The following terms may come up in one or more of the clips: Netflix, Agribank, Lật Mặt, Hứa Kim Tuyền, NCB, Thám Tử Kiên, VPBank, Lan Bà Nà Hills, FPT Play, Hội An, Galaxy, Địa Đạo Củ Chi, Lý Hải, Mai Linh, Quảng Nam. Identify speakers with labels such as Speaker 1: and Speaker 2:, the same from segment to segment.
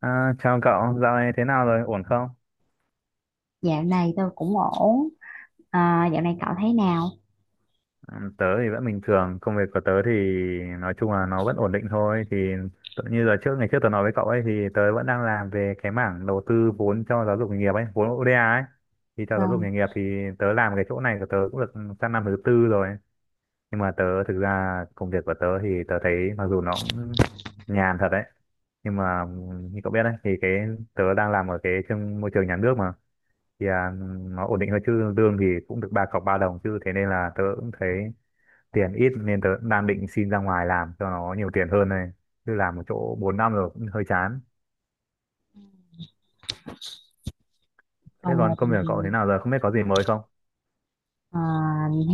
Speaker 1: À, chào cậu, dạo này thế nào rồi, ổn không?
Speaker 2: Dạo này tôi cũng ổn. À, dạo này cậu thấy nào?
Speaker 1: Ừ, tớ thì vẫn bình thường, công việc của tớ thì nói chung là nó vẫn ổn định thôi. Thì tự như giờ trước, ngày trước tớ nói với cậu ấy thì tớ vẫn đang làm về cái mảng đầu tư vốn cho giáo dục nghề nghiệp ấy, vốn ODA ấy. Thì cho giáo dục
Speaker 2: Vâng.
Speaker 1: nghề nghiệp thì tớ làm cái chỗ này của tớ cũng được sang năm thứ tư rồi. Nhưng mà tớ thực ra công việc của tớ thì tớ thấy mặc dù nó cũng nhàn thật đấy. Nhưng mà như cậu biết đấy thì cái tớ đang làm ở cái trong môi trường nhà nước mà thì nó ổn định hơn chứ lương thì cũng được ba cọc ba đồng chứ thế nên là tớ cũng thấy tiền ít nên tớ cũng đang định xin ra ngoài làm cho nó nhiều tiền hơn này chứ làm một chỗ 4 năm rồi cũng hơi chán. Thế
Speaker 2: Còn
Speaker 1: còn công
Speaker 2: mình
Speaker 1: việc của
Speaker 2: thì,
Speaker 1: cậu thế nào rồi, không biết có gì mới không?
Speaker 2: à,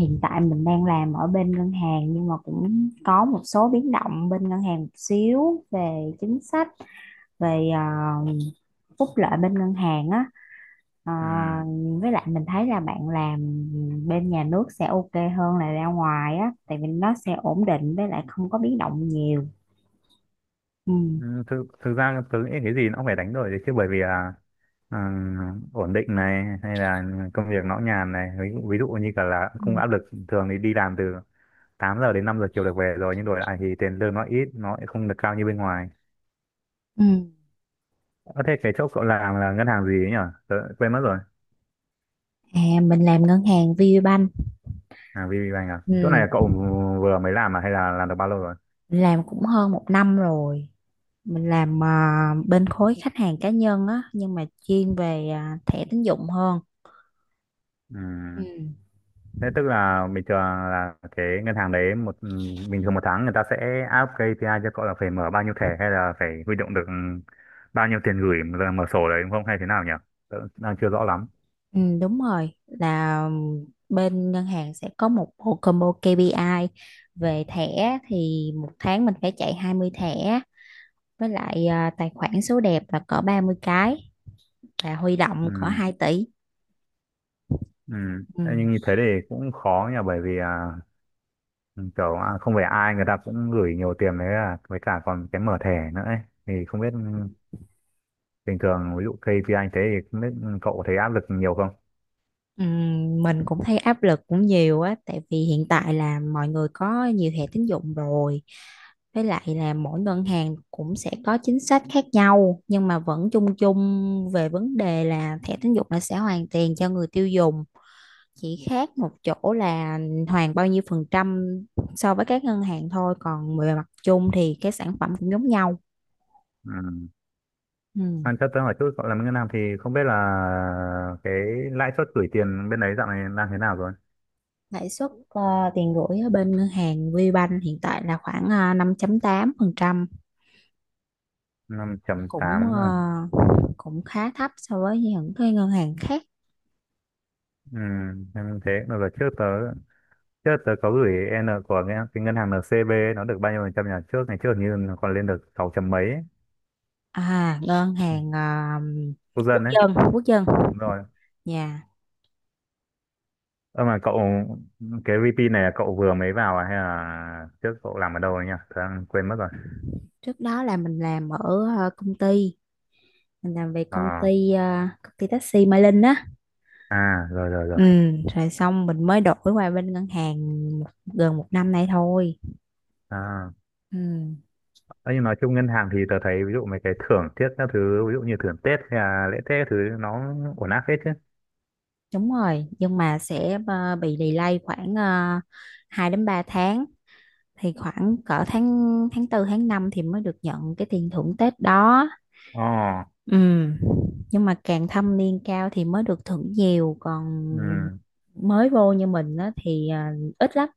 Speaker 2: hiện tại mình đang làm ở bên ngân hàng, nhưng mà cũng có một số biến động bên ngân hàng một xíu về chính sách, về phúc lợi bên ngân hàng á. À,
Speaker 1: Ừ.
Speaker 2: với lại mình thấy là bạn làm bên nhà nước sẽ ok hơn là ra ngoài á, tại vì nó sẽ ổn định với lại không có biến động nhiều. Ừ.
Speaker 1: Ừ, thực ra tớ nghĩ cái gì nó cũng phải đánh đổi đấy chứ bởi vì là ừ, ổn định này hay là công việc nó nhàn này ví dụ như cả là không
Speaker 2: Ừ.
Speaker 1: áp lực thường thì đi làm từ 8 giờ đến 5 giờ chiều được về rồi nhưng đổi lại thì tiền lương nó ít nó lại không được cao như bên ngoài.
Speaker 2: Ừ.
Speaker 1: Ờ, thế cái chỗ cậu làm là ngân hàng gì ấy nhỉ? Tớ quên mất rồi.
Speaker 2: À, mình làm ngân hàng VPBank.
Speaker 1: À, VPBank à?
Speaker 2: Ừ.
Speaker 1: Chỗ này cậu vừa mới làm à hay là làm được bao lâu rồi?
Speaker 2: Mình làm cũng hơn một năm rồi, mình làm bên khối khách hàng cá nhân á, nhưng mà chuyên về thẻ tín dụng hơn. Ừ.
Speaker 1: Ừm. Thế tức là bình thường là cái ngân hàng đấy một bình thường một tháng người ta sẽ áp KPI cho cậu là phải mở bao nhiêu thẻ hay là phải huy động được bao nhiêu tiền gửi rồi mở sổ đấy đúng không hay thế nào nhỉ? Tớ đang chưa rõ lắm.
Speaker 2: Ừ, đúng rồi, là bên ngân hàng sẽ có một bộ combo KPI, về thẻ thì một tháng mình phải chạy 20 thẻ, với lại tài khoản số đẹp là cỡ 30 cái, và huy động cỡ
Speaker 1: Ừm.
Speaker 2: 2 tỷ.
Speaker 1: Ừm.
Speaker 2: Ừ.
Speaker 1: Thế nhưng như thế thì cũng khó nhỉ bởi vì kiểu không phải ai người ta cũng gửi nhiều tiền đấy à, với cả còn cái mở thẻ nữa ấy. Thì không biết bình thường ví dụ KPI anh thế thì không biết cậu thấy áp lực nhiều không?
Speaker 2: Mình cũng thấy áp lực cũng nhiều á, tại vì hiện tại là mọi người có nhiều thẻ tín dụng rồi, với lại là mỗi ngân hàng cũng sẽ có chính sách khác nhau, nhưng mà vẫn chung chung về vấn đề là thẻ tín dụng là sẽ hoàn tiền cho người tiêu dùng, chỉ khác một chỗ là hoàn bao nhiêu phần trăm so với các ngân hàng thôi, còn về mặt chung thì cái sản phẩm cũng giống nhau.
Speaker 1: Ừ.
Speaker 2: Ừm,
Speaker 1: Anh chắc tới hỏi chút cậu làm ngân hàng thì không biết là cái lãi suất gửi tiền bên đấy dạo này đang thế nào rồi?
Speaker 2: lãi suất tiền gửi ở bên ngân hàng VBank hiện tại là khoảng 5,8%,
Speaker 1: Năm chấm
Speaker 2: cũng
Speaker 1: tám
Speaker 2: ờ,
Speaker 1: à?
Speaker 2: cũng khá thấp so với những cái ngân hàng khác.
Speaker 1: Ừ. Em thế mà giờ trước tớ có gửi của cái ngân hàng NCB ấy, nó được bao nhiêu phần trăm nhỉ trước ngày trước hình như nó còn lên được sáu chấm mấy ấy,
Speaker 2: À, ngân hàng
Speaker 1: quốc
Speaker 2: quốc
Speaker 1: dân đấy.
Speaker 2: dân, quốc dân
Speaker 1: Đúng rồi.
Speaker 2: nhà.
Speaker 1: Ơ mà cậu cái VP này là cậu vừa mới vào à hay là trước cậu làm ở đâu ấy nhỉ? Tớ đang quên mất rồi.
Speaker 2: Trước đó là mình làm ở công ty, mình làm về công
Speaker 1: Ờ,
Speaker 2: ty ờ, công ty taxi Mai Linh á.
Speaker 1: à rồi rồi rồi.
Speaker 2: Ừ. Rồi xong mình mới đổi qua bên ngân hàng, một- gần một năm nay thôi.
Speaker 1: À.
Speaker 2: Ừ.
Speaker 1: Đấy, nhưng nói chung ngân hàng thì tớ thấy ví dụ mấy cái thưởng tết, các thứ ví dụ như thưởng Tết hay là lễ Tết các thứ nó ổn áp hết chứ.
Speaker 2: Đúng rồi, nhưng mà sẽ bị delay khoảng 2 đến 3 tháng, thì khoảng cỡ tháng tháng tư tháng 5 thì mới được nhận cái tiền thưởng Tết đó.
Speaker 1: Ồ.
Speaker 2: Ừ, nhưng mà càng thâm niên cao thì mới được thưởng nhiều, còn
Speaker 1: Ừ.
Speaker 2: mới vô như mình á thì ít lắm,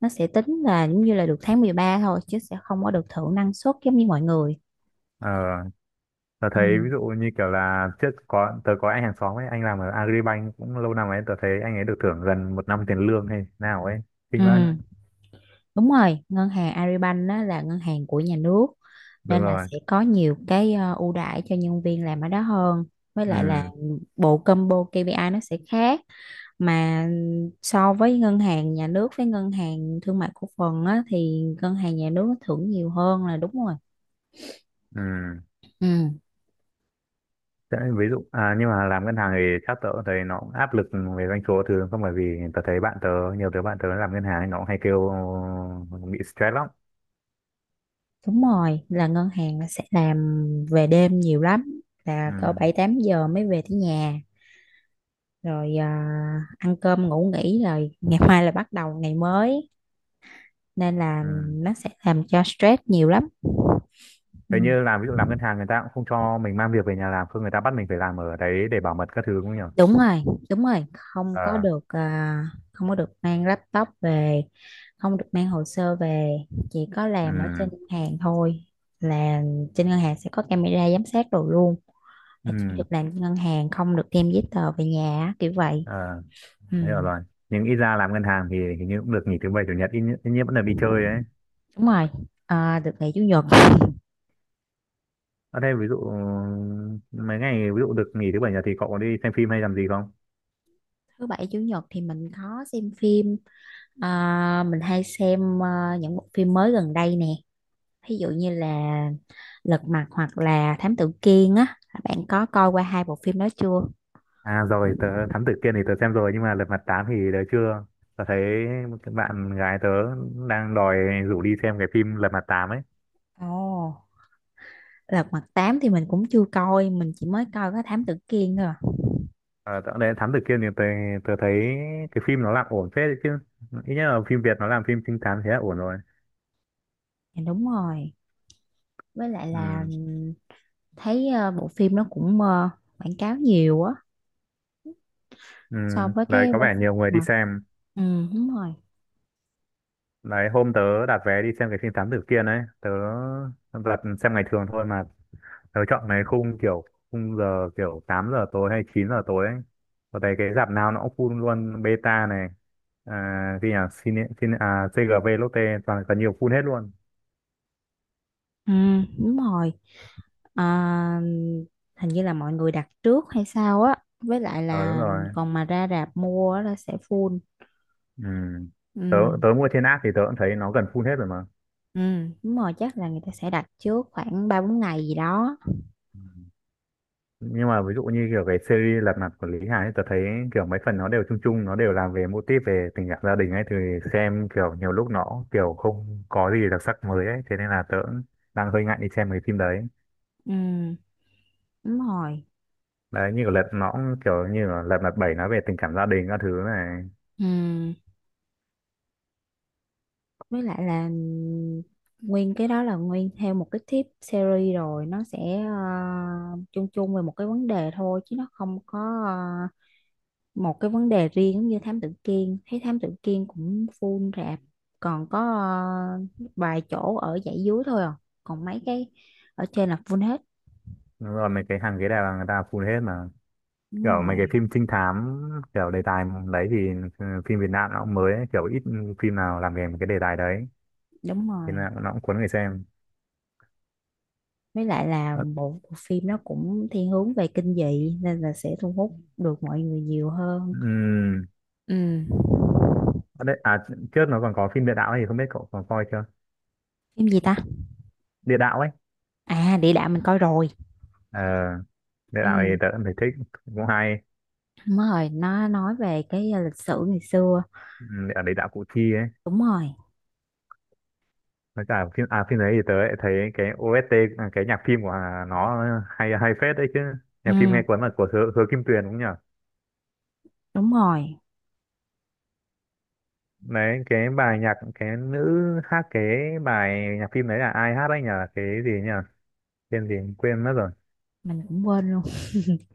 Speaker 2: nó sẽ tính là giống như là được tháng 13 thôi chứ sẽ không có được thưởng năng suất giống như mọi người.
Speaker 1: Ờ, tớ
Speaker 2: Ừ.
Speaker 1: thấy ví dụ như kiểu là trước có tớ có anh hàng xóm ấy, anh làm ở Agribank cũng lâu năm ấy, tớ thấy anh ấy được thưởng gần một năm tiền lương hay nào ấy,
Speaker 2: Ừ,
Speaker 1: kinh vãi.
Speaker 2: đúng rồi, ngân hàng Agribank á là ngân hàng của nhà nước,
Speaker 1: Đúng
Speaker 2: nên là
Speaker 1: rồi.
Speaker 2: sẽ có nhiều cái ưu đãi cho nhân viên làm ở đó hơn, với lại là
Speaker 1: Ừ.
Speaker 2: bộ combo KPI nó sẽ khác, mà so với ngân hàng nhà nước với ngân hàng thương mại cổ phần á, thì ngân hàng nhà nước nó thưởng nhiều hơn là đúng rồi.
Speaker 1: Ừ.
Speaker 2: Ừ.
Speaker 1: Thế ví dụ nhưng mà làm ngân hàng thì chắc tớ cũng thấy nó cũng áp lực về doanh số thứ không bởi vì tớ thấy bạn tớ nhiều đứa bạn tớ làm ngân hàng ấy, nó cũng hay kêu bị stress lắm.
Speaker 2: Đúng rồi, là ngân hàng là sẽ làm về đêm nhiều lắm, là cỡ
Speaker 1: Ừ.
Speaker 2: 7-8 giờ mới về tới nhà, rồi ăn cơm ngủ nghỉ rồi ngày mai là bắt đầu ngày mới, nên là
Speaker 1: Ừ.
Speaker 2: nó sẽ làm cho stress nhiều lắm.
Speaker 1: Thế
Speaker 2: Ừ.
Speaker 1: như làm ví dụ làm ngân hàng người ta cũng không cho mình mang việc về nhà làm, không người ta bắt mình phải làm ở đấy để bảo mật các thứ cũng không nhỉ?
Speaker 2: Đúng rồi. Đúng rồi,
Speaker 1: Ờ.
Speaker 2: không có được mang laptop về, không được mang hồ sơ về, chỉ có
Speaker 1: Ừ.
Speaker 2: làm ở trên ngân hàng thôi, là trên ngân hàng sẽ có camera giám sát đồ luôn, là chỉ
Speaker 1: Ừ.
Speaker 2: được làm trên ngân hàng, không được đem giấy tờ về nhà á, kiểu vậy.
Speaker 1: Ờ,
Speaker 2: Ừ,
Speaker 1: thế hiểu rồi. Nhưng ít ra làm ngân hàng thì hình như cũng được nghỉ thứ bảy chủ nhật ít nhất vẫn là đi chơi đấy.
Speaker 2: đúng rồi. À, được nghỉ chủ nhật.
Speaker 1: Ở đây ví dụ mấy ngày ví dụ được nghỉ thứ bảy nhật thì cậu có đi xem phim hay làm gì không?
Speaker 2: Thứ bảy chủ nhật thì mình có xem phim, mình hay xem những bộ phim mới gần đây nè, ví dụ như là Lật Mặt hoặc là Thám Tử Kiên á, bạn có coi qua hai bộ phim đó chưa?
Speaker 1: À rồi, tớ Thám Tử Kiên thì tớ xem rồi nhưng mà Lật Mặt tám thì tớ chưa. Tớ thấy một cái bạn gái tớ đang đòi rủ đi xem cái phim Lật Mặt tám ấy.
Speaker 2: Ồ, Lật Mặt 8 thì mình cũng chưa coi, mình chỉ mới coi có Thám Tử Kiên thôi à.
Speaker 1: À, dạo này Thám Tử Kiên thì tôi thấy cái phim nó làm ổn phết đấy chứ. Ít nhất là phim Việt nó làm phim trinh thám thế là ổn rồi.
Speaker 2: Dạ, đúng rồi, với lại là
Speaker 1: Ừ.
Speaker 2: thấy bộ phim nó cũng quảng cáo nhiều á,
Speaker 1: Ừ.
Speaker 2: so
Speaker 1: Đấy có
Speaker 2: với
Speaker 1: vẻ
Speaker 2: phim
Speaker 1: nhiều
Speaker 2: Lật
Speaker 1: người đi
Speaker 2: Mặt.
Speaker 1: xem.
Speaker 2: Ừ, đúng rồi.
Speaker 1: Đấy hôm tớ đặt vé đi xem cái phim Thám Tử Kiên ấy. Tớ đặt xem ngày thường thôi mà. Tớ chọn cái khung kiểu khung giờ kiểu 8 giờ tối hay 9 giờ tối ấy. Có thấy cái rạp nào nó cũng full luôn Beta này. À, cái nhà Cine, Cine, à, CGV Lotte toàn là nhiều full hết luôn.
Speaker 2: Ừ, đúng rồi. Ờ, hình như là mọi người đặt trước hay sao á, với lại
Speaker 1: Ờ, đúng
Speaker 2: là
Speaker 1: rồi.
Speaker 2: còn mà ra rạp mua á là sẽ full.
Speaker 1: Ừ. Tớ,
Speaker 2: Ừ.
Speaker 1: tớ mua trên app thì tớ cũng thấy nó gần full hết rồi mà.
Speaker 2: Ừ, đúng rồi, chắc là người ta sẽ đặt trước khoảng 3-4 ngày gì đó.
Speaker 1: Ừ. Nhưng mà ví dụ như kiểu cái series Lật Mặt của Lý Hải ấy, tớ thấy kiểu mấy phần nó đều chung chung, nó đều làm về mô típ về tình cảm gia đình ấy thì xem kiểu nhiều lúc nó kiểu không có gì đặc sắc mới ấy, thế nên là tớ cũng đang hơi ngại đi xem cái phim đấy.
Speaker 2: Ừ, đúng rồi.
Speaker 1: Đấy như kiểu Lật nó cũng kiểu như là Lật Mặt bảy nó về tình cảm gia đình các thứ này.
Speaker 2: Ừ. Với lại là nguyên cái đó là nguyên theo một cái tip series rồi, nó sẽ chung chung về một cái vấn đề thôi chứ nó không có ờ, một cái vấn đề riêng, giống như Thám Tử Kiên, thấy Thám Tử Kiên cũng full rạp, còn có ờ, vài chỗ ở dãy dưới thôi à, còn mấy cái ở trên là full hết.
Speaker 1: Rồi mấy cái hàng ghế đào là người ta full hết mà.
Speaker 2: Đúng
Speaker 1: Kiểu mấy cái
Speaker 2: rồi.
Speaker 1: phim trinh thám kiểu đề tài đấy thì phim Việt Nam nó cũng mới ấy, kiểu ít phim nào làm về một cái đề tài đấy
Speaker 2: Đúng
Speaker 1: thế nên
Speaker 2: rồi,
Speaker 1: là nó cũng cuốn người xem.
Speaker 2: với lại là
Speaker 1: Ờ.
Speaker 2: bộ phim nó cũng thiên hướng về kinh dị nên là sẽ thu hút được mọi người nhiều hơn.
Speaker 1: Ừm.
Speaker 2: Ừ.
Speaker 1: Ở đấy, à trước nó còn có phim Địa Đạo ấy, thì không biết cậu còn coi chưa?
Speaker 2: Phim gì ta?
Speaker 1: Địa Đạo ấy.
Speaker 2: À, địa đạo mình coi rồi.
Speaker 1: Ờ, Địa
Speaker 2: Ừ,
Speaker 1: Đạo thì tớ cũng thấy thích, cũng hay.
Speaker 2: đúng rồi, nó nói về cái lịch sử ngày xưa.
Speaker 1: Ở Địa Đạo Củ Chi ấy.
Speaker 2: Đúng rồi.
Speaker 1: Với cả phim à phim đấy thì tớ lại thấy cái OST, à cái nhạc phim của nó hay hay phết đấy chứ.
Speaker 2: Ừ,
Speaker 1: Nhạc phim nghe cuốn là của Hứa Kim Tuyền cũng nhỉ.
Speaker 2: đúng rồi.
Speaker 1: Đấy cái bài nhạc cái nữ hát cái bài nhạc phim đấy là ai hát đấy nhờ cái gì nhỉ? Tên gì quên mất rồi.
Speaker 2: Mình cũng quên luôn.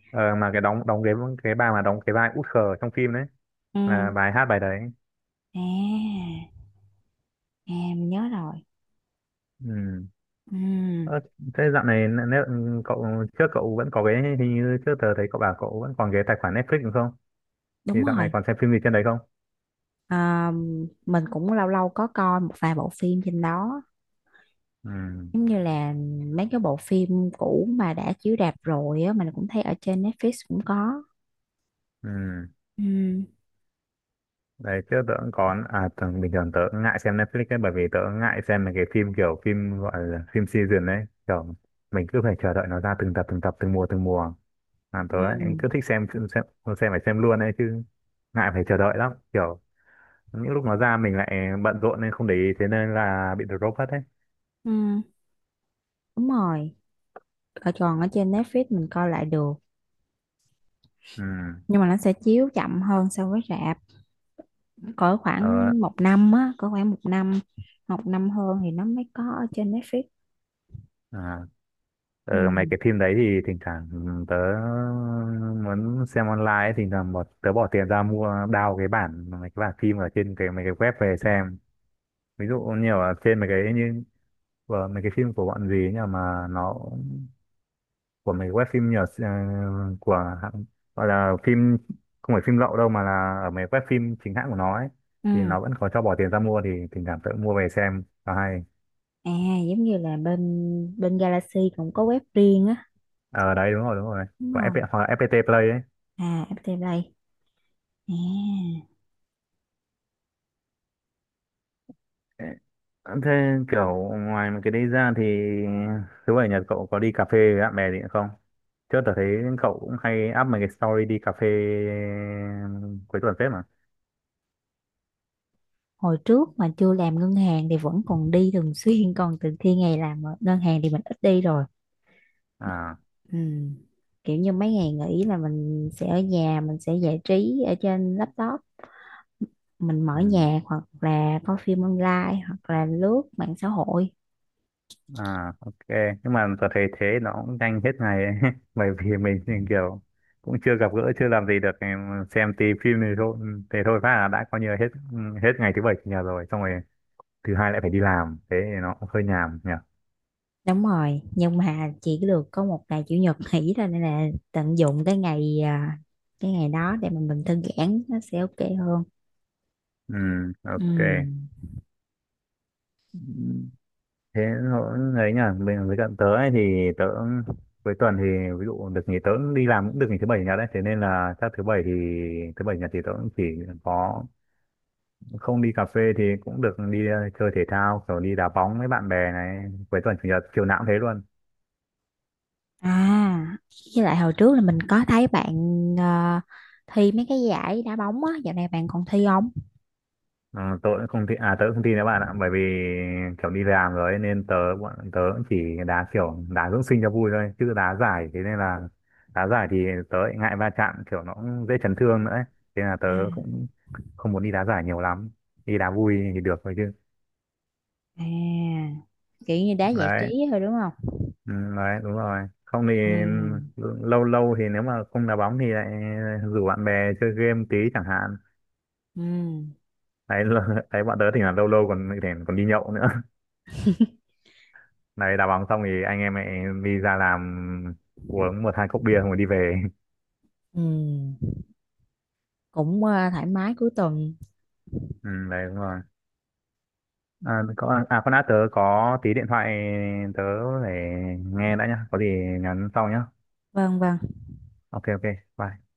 Speaker 1: Ờ, mà cái đóng đóng cái bà mà đóng cái vai út khờ trong phim đấy
Speaker 2: Ừ.
Speaker 1: là bài hát bài đấy.
Speaker 2: À, à, mình nhớ rồi.
Speaker 1: Ừ.
Speaker 2: Ừ.
Speaker 1: Ờ, thế dạo này nếu cậu trước cậu vẫn có cái hình như trước tờ thấy cậu bảo cậu vẫn còn cái tài khoản Netflix đúng không thì
Speaker 2: Đúng
Speaker 1: dạo này
Speaker 2: rồi.
Speaker 1: còn xem phim gì trên đấy không?
Speaker 2: À, mình cũng lâu lâu có coi một vài bộ phim trên đó.
Speaker 1: Ừ.
Speaker 2: Giống như là mấy cái bộ phim cũ mà đã chiếu rạp rồi á, mình cũng thấy ở trên Netflix cũng có.
Speaker 1: Ừ.
Speaker 2: Ừ.
Speaker 1: Đấy trước tớ cũng có à bình thường tớ cũng ngại xem Netflix ấy bởi vì tớ cũng ngại xem mấy cái phim kiểu phim gọi là phim season ấy kiểu mình cứ phải chờ đợi nó ra từng tập từng tập từng mùa à, tớ
Speaker 2: Ừ.
Speaker 1: ấy, cứ thích xem phải xem luôn ấy chứ ngại phải chờ đợi lắm kiểu những lúc nó ra mình lại bận rộn nên không để ý thế nên là bị drop hết ấy.
Speaker 2: Ừ. Đúng rồi, còn ở trên Netflix mình coi lại được,
Speaker 1: Ừ.
Speaker 2: nhưng mà nó sẽ chiếu chậm hơn so với rạp cỡ
Speaker 1: Tớ.
Speaker 2: khoảng một năm á, cỡ khoảng một năm, một năm hơn thì nó mới có ở trên Netflix.
Speaker 1: À.
Speaker 2: Ừ.
Speaker 1: Ờ, mấy cái phim đấy thì thỉnh thoảng tớ muốn xem online ấy, thỉnh thoảng tớ bỏ tiền ra mua đao cái bản mấy cái bản phim ở trên cái mấy cái web về xem ví dụ như ở trên mấy cái như của mấy cái phim của bọn gì ấy nhỉ mà nó của mấy cái web phim nhờ của gọi là phim không phải phim lậu đâu mà là ở mấy web phim chính hãng của nó ấy thì
Speaker 2: Ừ.
Speaker 1: nó vẫn có cho bỏ tiền ra mua thì thỉnh thoảng tớ mua về xem và hay
Speaker 2: À, giống như là bên bên Galaxy cũng có web riêng á.
Speaker 1: ở đấy đúng rồi
Speaker 2: Đúng
Speaker 1: của
Speaker 2: rồi.
Speaker 1: FPT, hoặc là FPT Play ấy.
Speaker 2: À, FPT Play. À.
Speaker 1: Thế kiểu ngoài mấy cái đấy ra thì thứ bảy nhật cậu có đi cà phê với bạn bè gì nữa không? Trước tớ thấy cậu cũng hay up mấy cái story đi cà phê ừ, cuối tuần phết mà.
Speaker 2: hồi trước mà chưa làm ngân hàng thì vẫn còn đi thường xuyên, còn từ khi ngày làm ở ngân hàng thì mình ít đi rồi.
Speaker 1: À.
Speaker 2: Ừ. Kiểu như mấy ngày nghỉ là mình sẽ ở nhà, mình sẽ giải trí ở trên laptop, mình mở
Speaker 1: Ừ.
Speaker 2: nhạc hoặc là coi phim online hoặc là lướt mạng xã hội.
Speaker 1: À, ok. Nhưng mà tớ thấy thế nó cũng nhanh hết ngày ấy. Bởi vì mình thì kiểu cũng chưa gặp gỡ, chưa làm gì được. Em xem tí phim thì thôi, thế thôi phát là đã coi như là hết hết ngày thứ bảy chủ nhật rồi. Xong rồi thứ hai lại phải đi làm. Thế thì nó cũng hơi nhàm nhỉ.
Speaker 2: Đúng rồi, nhưng mà chỉ được có một ngày chủ nhật nghỉ thôi, nên là tận dụng cái ngày đó để mà mình thư giãn nó sẽ ok hơn.
Speaker 1: Ừ, ok.
Speaker 2: Ừ.
Speaker 1: Thế nó ấy nhỉ mình với cận tớ ấy thì tớ cuối tuần thì ví dụ được nghỉ tớ cũng đi làm cũng được nghỉ thứ bảy chủ nhật đấy thế nên là chắc thứ bảy thì thứ bảy chủ nhật thì tớ cũng chỉ có không đi cà phê thì cũng được đi chơi thể thao kiểu đi đá bóng với bạn bè này cuối tuần chủ nhật chiều nào cũng thế luôn.
Speaker 2: À, với lại hồi trước là mình có thấy bạn ờ, thi mấy cái giải đá bóng á, dạo này bạn còn thi không?
Speaker 1: Ờ, tớ cũng không tin đấy bạn ạ bởi vì kiểu đi làm rồi ấy, nên tớ bọn tớ cũng chỉ đá kiểu đá dưỡng sinh cho vui thôi chứ đá giải thế nên là đá giải thì tớ lại ngại va chạm kiểu nó cũng dễ chấn thương nữa ấy. Thế là tớ
Speaker 2: À.
Speaker 1: cũng không muốn đi đá giải nhiều lắm đi đá vui thì được thôi chứ
Speaker 2: À, kiểu như đá giải trí
Speaker 1: đấy
Speaker 2: thôi đúng không?
Speaker 1: ừ, đấy đúng rồi không thì
Speaker 2: Ừ,
Speaker 1: ừ, lâu lâu thì nếu mà không đá bóng thì lại rủ bạn bè chơi game tí chẳng hạn
Speaker 2: ừ,
Speaker 1: đấy. Đấy bọn tớ thì là lâu lâu còn còn đi nhậu nữa. Đấy, đá bóng xong thì anh em mẹ đi ra làm uống một hai cốc bia xong rồi đi về.
Speaker 2: ừ, thoải mái cuối tuần.
Speaker 1: Ừ, đấy đúng rồi. À, có, à con đã tớ có tí điện thoại tớ để nghe đã nhá. Có gì nhắn sau nhá.
Speaker 2: Vâng, vâng.
Speaker 1: Ok ok. Bye.